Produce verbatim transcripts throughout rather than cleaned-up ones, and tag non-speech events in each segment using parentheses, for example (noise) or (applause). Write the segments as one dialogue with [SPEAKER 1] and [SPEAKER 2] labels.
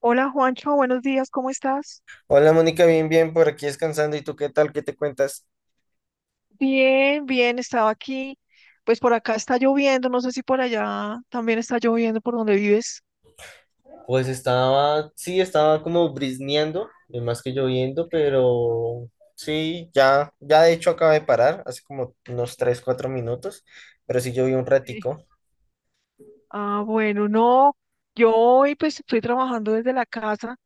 [SPEAKER 1] Hola Juancho, buenos días, ¿cómo estás?
[SPEAKER 2] Hola Mónica, bien, bien, por aquí descansando. ¿Y tú qué tal? ¿Qué te cuentas?
[SPEAKER 1] Bien, bien, estaba aquí. Pues por acá está lloviendo, no sé si por allá también está lloviendo por donde vives.
[SPEAKER 2] Pues estaba, sí, estaba como brisneando, eh, más que lloviendo, pero sí, ya, ya de hecho acabo de parar hace como unos tres cuatro minutos, pero sí llovió un
[SPEAKER 1] Sí.
[SPEAKER 2] ratico.
[SPEAKER 1] Ah, bueno, no, yo hoy pues estoy trabajando desde la casa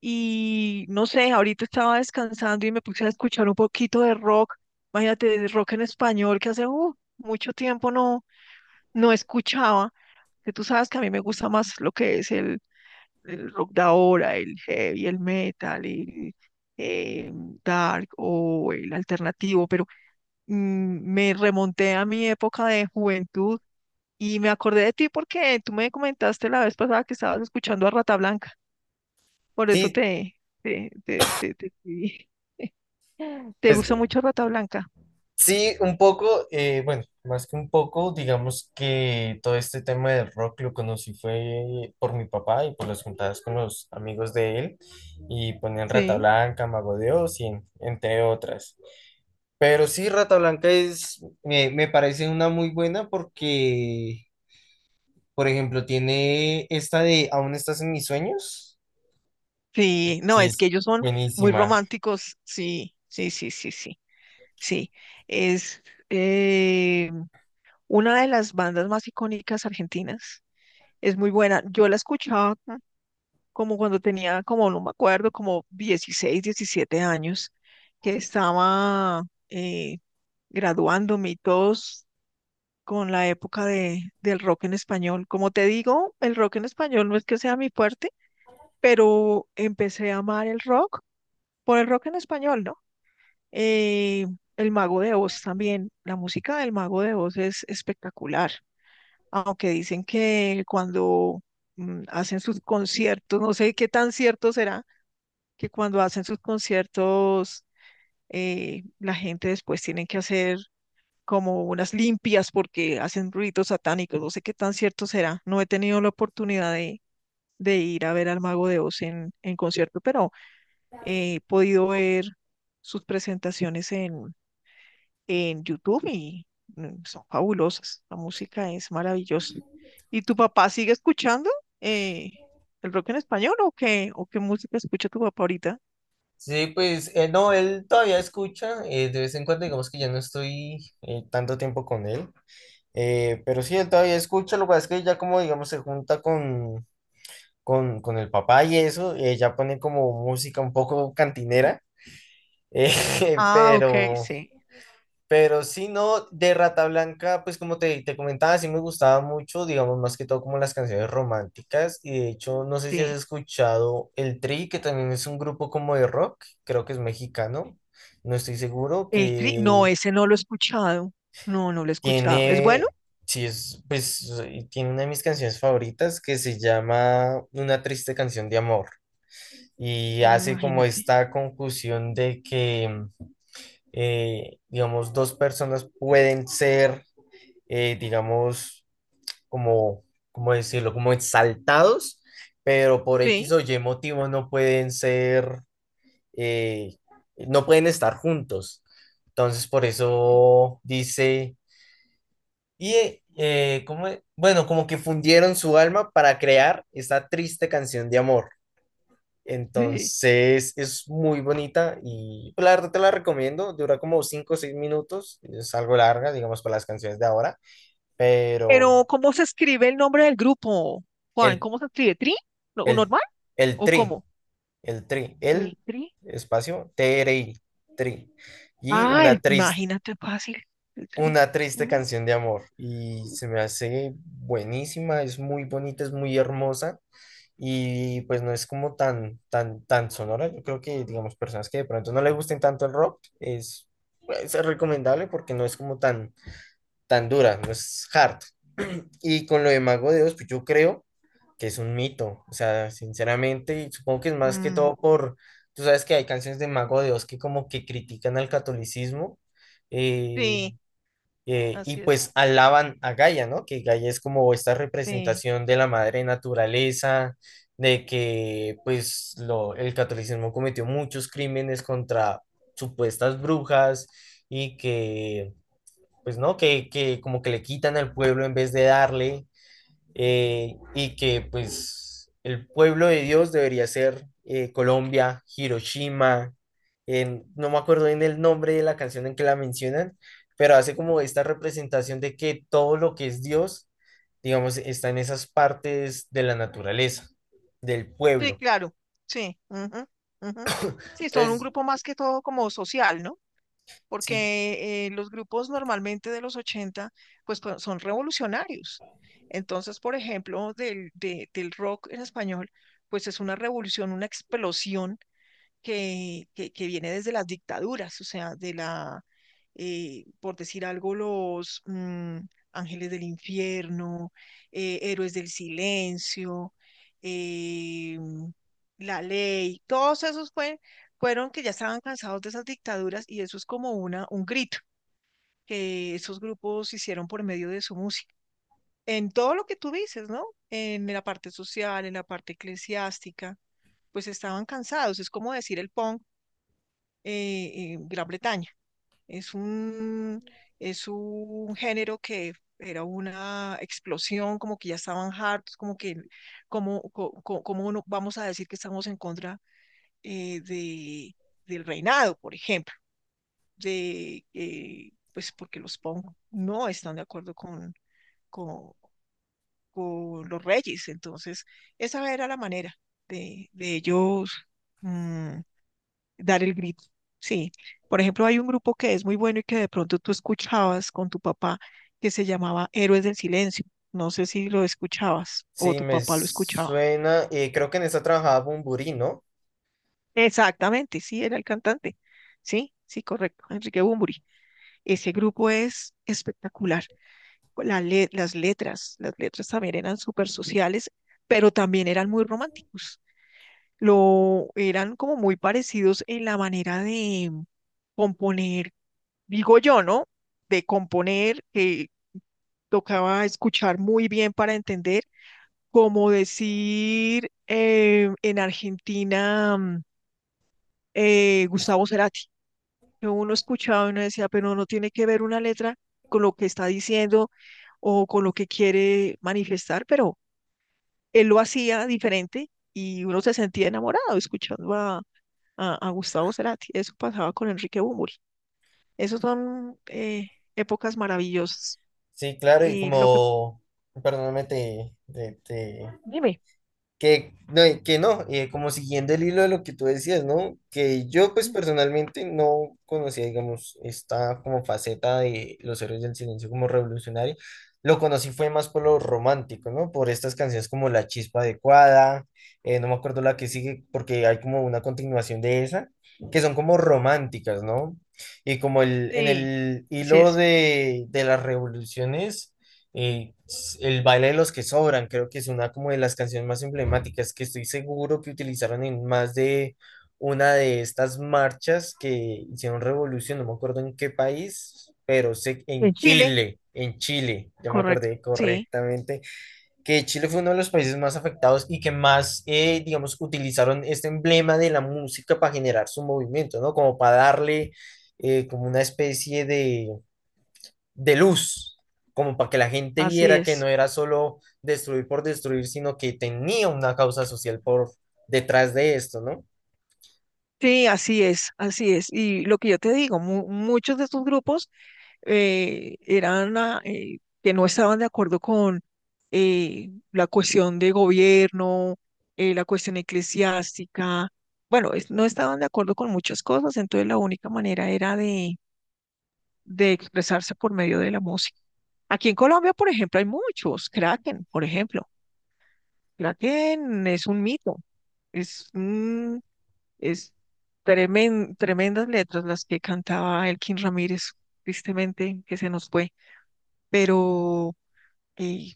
[SPEAKER 1] y no sé, ahorita estaba descansando y me puse a escuchar un poquito de rock, imagínate, de rock en español que hace uh, mucho tiempo no, no escuchaba, que tú sabes que a mí me gusta más lo que es el el rock de ahora, el heavy, el metal, el eh, dark o el alternativo, pero mm, me remonté a mi época de juventud y me acordé de ti porque tú me comentaste la vez pasada que estabas escuchando a Rata Blanca, por eso
[SPEAKER 2] Sí,
[SPEAKER 1] te, te, te, te, te escribí. (laughs) ¿Te
[SPEAKER 2] pues,
[SPEAKER 1] gusta mucho Rata Blanca?
[SPEAKER 2] sí, un poco, eh, bueno, más que un poco, digamos que todo este tema del rock lo conocí fue por mi papá y por las juntadas con los amigos de él, y ponían Rata
[SPEAKER 1] Sí.
[SPEAKER 2] Blanca, Mago de Oz, y en- entre otras. Pero sí, Rata Blanca es, me, me parece una muy buena porque, por ejemplo, tiene esta de Aún estás en mis sueños,
[SPEAKER 1] Sí, no,
[SPEAKER 2] que
[SPEAKER 1] es que
[SPEAKER 2] es
[SPEAKER 1] ellos son muy
[SPEAKER 2] buenísima.
[SPEAKER 1] románticos. Sí, sí, sí, sí, sí, sí. Es, eh, una de las bandas más icónicas argentinas. Es muy buena. Yo la escuchaba como cuando tenía, como no me acuerdo, como dieciséis, diecisiete años, que estaba eh, graduándome y todos con la época de, del rock en español. Como te digo, el rock en español no es que sea mi fuerte, pero empecé a amar el rock por el rock en español, ¿no? Eh, el Mago de Oz también, la música del Mago de Oz es espectacular. Aunque dicen que cuando mm, hacen sus conciertos, no sé qué tan cierto será, que cuando hacen sus conciertos, eh, la gente después tiene que hacer como unas limpias porque hacen ruidos satánicos, no sé qué tan cierto será. No he tenido la oportunidad de, de ir a ver al Mago de Oz en, en concierto, pero he podido ver sus presentaciones en en YouTube y mm, son fabulosas. La música es maravillosa. ¿Y tu papá sigue escuchando eh, el rock en español o qué, o qué música escucha tu papá ahorita?
[SPEAKER 2] Sí, pues eh, no, él todavía escucha, eh, de vez en cuando, digamos que ya no estoy eh, tanto tiempo con él, eh, pero sí, él todavía escucha. Lo que pasa es que ya, como digamos, se junta con, con, con el papá y eso, eh, ya pone como música un poco cantinera, (laughs) eh,
[SPEAKER 1] Ah, ok,
[SPEAKER 2] pero...
[SPEAKER 1] sí,
[SPEAKER 2] Pero si no, de Rata Blanca, pues como te, te comentaba, sí me gustaba mucho, digamos, más que todo como las canciones románticas. Y de hecho, no sé si has
[SPEAKER 1] sí.
[SPEAKER 2] escuchado El Tri, que también es un grupo como de rock, creo que es mexicano, no estoy seguro,
[SPEAKER 1] El cri- no,
[SPEAKER 2] que
[SPEAKER 1] ese no lo he escuchado. No, no lo he escuchado. ¿Es bueno?
[SPEAKER 2] tiene, sí es, pues, y tiene una de mis canciones favoritas que se llama Una triste canción de amor. Y
[SPEAKER 1] Mm,
[SPEAKER 2] hace como
[SPEAKER 1] Imagínate.
[SPEAKER 2] esta conjunción de que, eh, digamos, dos personas pueden ser eh, digamos, como, ¿cómo decirlo? Como exaltados, pero por X
[SPEAKER 1] Sí,
[SPEAKER 2] o Y motivos no pueden ser, eh, no pueden estar juntos. Entonces, por
[SPEAKER 1] sí,
[SPEAKER 2] eso dice, y eh, eh, ¿cómo es? Bueno, como que fundieron su alma para crear esta triste canción de amor.
[SPEAKER 1] sí.
[SPEAKER 2] Entonces es muy bonita y, pues, la verdad, te la recomiendo. Dura como cinco o seis minutos, es algo larga, digamos, para las canciones de ahora, pero
[SPEAKER 1] Pero, ¿cómo se escribe el nombre del grupo, Juan?
[SPEAKER 2] el
[SPEAKER 1] ¿Cómo se escribe? ¿Tri? ¿No-
[SPEAKER 2] El,
[SPEAKER 1] ¿Normal?
[SPEAKER 2] el
[SPEAKER 1] ¿O
[SPEAKER 2] tri,
[SPEAKER 1] cómo?
[SPEAKER 2] el tri, el
[SPEAKER 1] El tri.
[SPEAKER 2] espacio T R I, tri. Y
[SPEAKER 1] Ah,
[SPEAKER 2] una
[SPEAKER 1] el,
[SPEAKER 2] triste,
[SPEAKER 1] imagínate fácil. El tri.
[SPEAKER 2] una triste
[SPEAKER 1] Mm.
[SPEAKER 2] canción de amor. Y se me hace buenísima, es muy bonita, es muy hermosa. Y pues no es como tan, tan, tan sonora. Yo creo que, digamos, personas que de pronto no le gusten tanto el rock, es, pues, es recomendable porque no es como tan, tan dura, no es hard. (clears throat) Y con lo de Mago de Oz, pues yo creo que es un mito, o sea, sinceramente, y supongo que es más que
[SPEAKER 1] Mm,
[SPEAKER 2] todo por, tú sabes que hay canciones de Mago de Oz que como que critican al catolicismo eh,
[SPEAKER 1] sí,
[SPEAKER 2] eh, y
[SPEAKER 1] así es.
[SPEAKER 2] pues alaban a Gaia, ¿no? Que Gaia es como esta
[SPEAKER 1] Sí,
[SPEAKER 2] representación de la madre naturaleza, de que pues lo, el catolicismo cometió muchos crímenes contra supuestas brujas y que, pues no, que, que como que le quitan al pueblo en vez de darle, eh, y que pues el pueblo de Dios debería ser eh, Colombia, Hiroshima, en- no me acuerdo bien el nombre de la canción en que la mencionan, pero hace como esta representación de que todo lo que es Dios, digamos, está en esas partes de la naturaleza, del
[SPEAKER 1] sí,
[SPEAKER 2] pueblo.
[SPEAKER 1] claro. Sí. Ujú, ujú. Sí, son un
[SPEAKER 2] Entonces,
[SPEAKER 1] grupo más que todo como social, ¿no?
[SPEAKER 2] sí,
[SPEAKER 1] Porque eh, los grupos normalmente de los ochenta pues, pues, son revolucionarios. Entonces, por ejemplo, del, de- del rock en español, pues es una revolución, una explosión que, que, que viene desde las dictaduras, o sea, de la, eh, por decir algo, los mm, ángeles del infierno, eh, héroes del silencio, eh, la ley, todos esos fue- fueron que ya estaban cansados de esas dictaduras y eso es como una, un grito que esos grupos hicieron por medio de su música. En todo lo que tú dices, ¿no? En la parte social, en la parte eclesiástica, pues estaban cansados. Es como decir el punk eh, en Gran Bretaña. Es un, es un género que era una explosión, como que ya estaban hartos, como que, como, co- co- como no- vamos a decir que estamos en contra eh, de, del reinado, por ejemplo, de, eh, pues porque los Pong no están de acuerdo con, con, con los reyes. Entonces, esa era la manera de, de ellos. mm, dar el grito. Sí. Por ejemplo, hay un grupo que es muy bueno y que de pronto tú escuchabas con tu papá que se llamaba Héroes del Silencio. No sé si lo escuchabas o
[SPEAKER 2] sí,
[SPEAKER 1] tu
[SPEAKER 2] me
[SPEAKER 1] papá lo escuchaba.
[SPEAKER 2] suena, eh, creo que en esta trabajaba Bumburi, ¿no?
[SPEAKER 1] Exactamente, sí, era el cantante. Sí, sí, correcto. Enrique Bunbury. Ese grupo es espectacular. La le- las letras, las letras también eran súper sociales, pero también eran muy románticos. Lo eran como muy parecidos en la manera de componer digo yo, ¿no? De componer, que tocaba escuchar muy bien para entender, como decir eh, en Argentina mm, eh, Gustavo Cerati, que uno escuchaba y uno decía, pero no tiene que ver una letra con lo que está diciendo o con lo que quiere manifestar, pero él lo hacía diferente y uno se sentía enamorado escuchando a, a, a Gustavo Cerati. Eso pasaba con Enrique Bunbury. Esas son eh, épocas maravillosas.
[SPEAKER 2] Sí, claro, y
[SPEAKER 1] Y lo que
[SPEAKER 2] como, perdóname, te, te, te...
[SPEAKER 1] Dime.
[SPEAKER 2] Que no, y que no, eh, como siguiendo el hilo de lo que tú decías, ¿no? Que yo, pues, personalmente, no conocía, digamos, esta como faceta de los héroes del silencio como revolucionario. Lo conocí fue más por lo romántico, ¿no? Por estas canciones como La Chispa Adecuada, eh, no me acuerdo la que sigue porque hay como una continuación de esa, que son como románticas, ¿no? Y como el, en
[SPEAKER 1] Sí,
[SPEAKER 2] el
[SPEAKER 1] así
[SPEAKER 2] hilo
[SPEAKER 1] es.
[SPEAKER 2] de, de las revoluciones, eh, s- el baile de los que sobran, creo que es una como de las canciones más emblemáticas, que estoy seguro que utilizaron en más de una de estas marchas que hicieron revolución. No me acuerdo en qué país, pero sé
[SPEAKER 1] En
[SPEAKER 2] en
[SPEAKER 1] Chile,
[SPEAKER 2] Chile, en Chile, ya me
[SPEAKER 1] correcto.
[SPEAKER 2] acordé
[SPEAKER 1] Sí,
[SPEAKER 2] correctamente, que Chile fue uno de los países más afectados y que más, eh, digamos, utilizaron este emblema de la música para generar su movimiento, ¿no? Como para darle eh, como una especie de de luz, como para que la gente
[SPEAKER 1] así
[SPEAKER 2] viera que no
[SPEAKER 1] es.
[SPEAKER 2] era solo destruir por destruir, sino que tenía una causa social por detrás de esto, ¿no?
[SPEAKER 1] Sí, así es, así es. Y lo que yo te digo, mu- muchos de estos grupos eh, eran ah, eh, que no estaban de acuerdo con eh, la cuestión de gobierno, eh, la cuestión eclesiástica. Bueno, es- no estaban de acuerdo con muchas cosas, entonces la única manera era de, de expresarse por medio de la música. Aquí en Colombia, por ejemplo, hay muchos, Kraken, por ejemplo. Kraken es un mito, es, un- es tremen- tremendas letras las que cantaba Elkin Ramírez, tristemente que se nos fue, pero eh,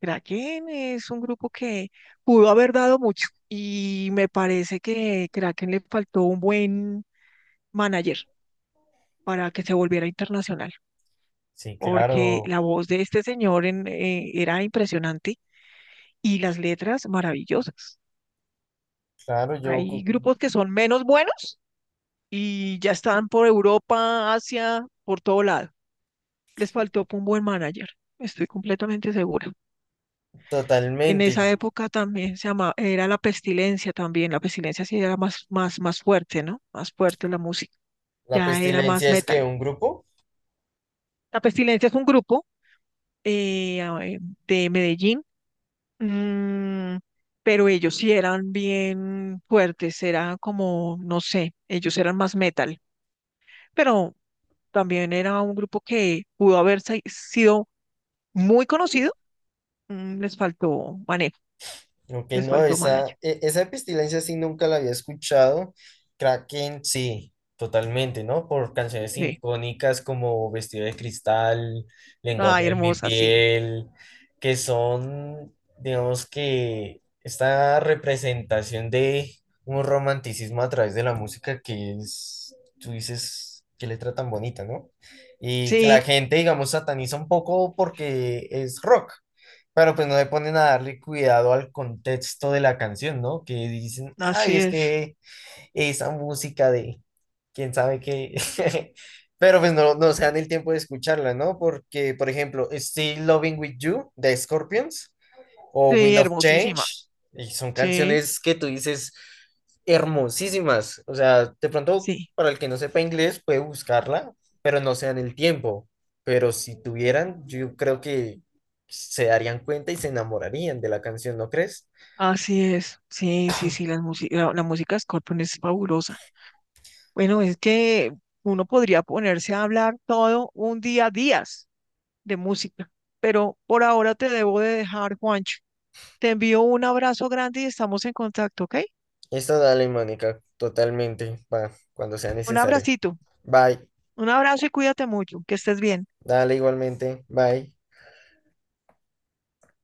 [SPEAKER 1] Kraken es un grupo que pudo haber dado mucho y me parece que Kraken le faltó un buen manager para que se volviera internacional,
[SPEAKER 2] Sí,
[SPEAKER 1] porque
[SPEAKER 2] claro,
[SPEAKER 1] la voz de este señor en- eh, era impresionante y las letras maravillosas.
[SPEAKER 2] claro, yo,
[SPEAKER 1] Hay
[SPEAKER 2] cu-.
[SPEAKER 1] grupos que son menos buenos y ya están por Europa, Asia, por todo lado. Les faltó un buen manager, estoy completamente segura. En
[SPEAKER 2] Totalmente.
[SPEAKER 1] esa época también se llamaba, era la pestilencia también, la pestilencia sí era más, más, más fuerte, ¿no? Más fuerte la música,
[SPEAKER 2] La
[SPEAKER 1] ya era más
[SPEAKER 2] pestilencia es que
[SPEAKER 1] metal.
[SPEAKER 2] un grupo.
[SPEAKER 1] La pestilencia es un grupo eh, a ver, de Medellín, mm, pero ellos sí eran bien fuertes, era como, no sé, ellos eran más metal, pero también era un grupo que pudo haber sa- sido muy conocido, mm, les faltó manejo,
[SPEAKER 2] Ok,
[SPEAKER 1] les
[SPEAKER 2] no,
[SPEAKER 1] faltó malayo.
[SPEAKER 2] esa, e- esa pestilencia sí nunca la había escuchado. Kraken, sí, totalmente, ¿no? Por canciones
[SPEAKER 1] Sí.
[SPEAKER 2] icónicas como Vestido de Cristal, Lenguaje
[SPEAKER 1] Ay,
[SPEAKER 2] de mi
[SPEAKER 1] hermosa, sí.
[SPEAKER 2] piel, que son, digamos que, esta representación de un romanticismo a través de la música que es, tú dices, qué letra tan bonita, ¿no? Y que la
[SPEAKER 1] Sí,
[SPEAKER 2] gente, digamos, sataniza un poco porque es rock. Pero pues no le ponen a darle cuidado al contexto de la canción, ¿no? Que dicen, ay,
[SPEAKER 1] así
[SPEAKER 2] es
[SPEAKER 1] es.
[SPEAKER 2] que esa música de quién sabe qué. (laughs) Pero pues no, no se dan el tiempo de escucharla, ¿no? Porque, por ejemplo, Still Loving With You de Scorpions o
[SPEAKER 1] Sí,
[SPEAKER 2] Wind of
[SPEAKER 1] hermosísima.
[SPEAKER 2] Change, y son
[SPEAKER 1] Sí,
[SPEAKER 2] canciones que tú dices hermosísimas. O sea, de pronto,
[SPEAKER 1] sí,
[SPEAKER 2] para el que no sepa inglés, puede buscarla, pero no se dan el tiempo. Pero si tuvieran, yo creo que se darían cuenta y se enamorarían de la canción, ¿no crees?
[SPEAKER 1] así es. Sí, sí, sí, las musi- la, la música de Scorpion es fabulosa. Bueno, es que uno podría ponerse a hablar todo un día, días de música, pero por ahora te debo de dejar, Juancho. Te envío un abrazo grande y estamos en contacto, ¿ok?
[SPEAKER 2] Esto dale, Mónica, totalmente, va, cuando sea
[SPEAKER 1] Un
[SPEAKER 2] necesario.
[SPEAKER 1] abracito,
[SPEAKER 2] Bye,
[SPEAKER 1] un abrazo y cuídate mucho, que estés bien.
[SPEAKER 2] dale igualmente, bye.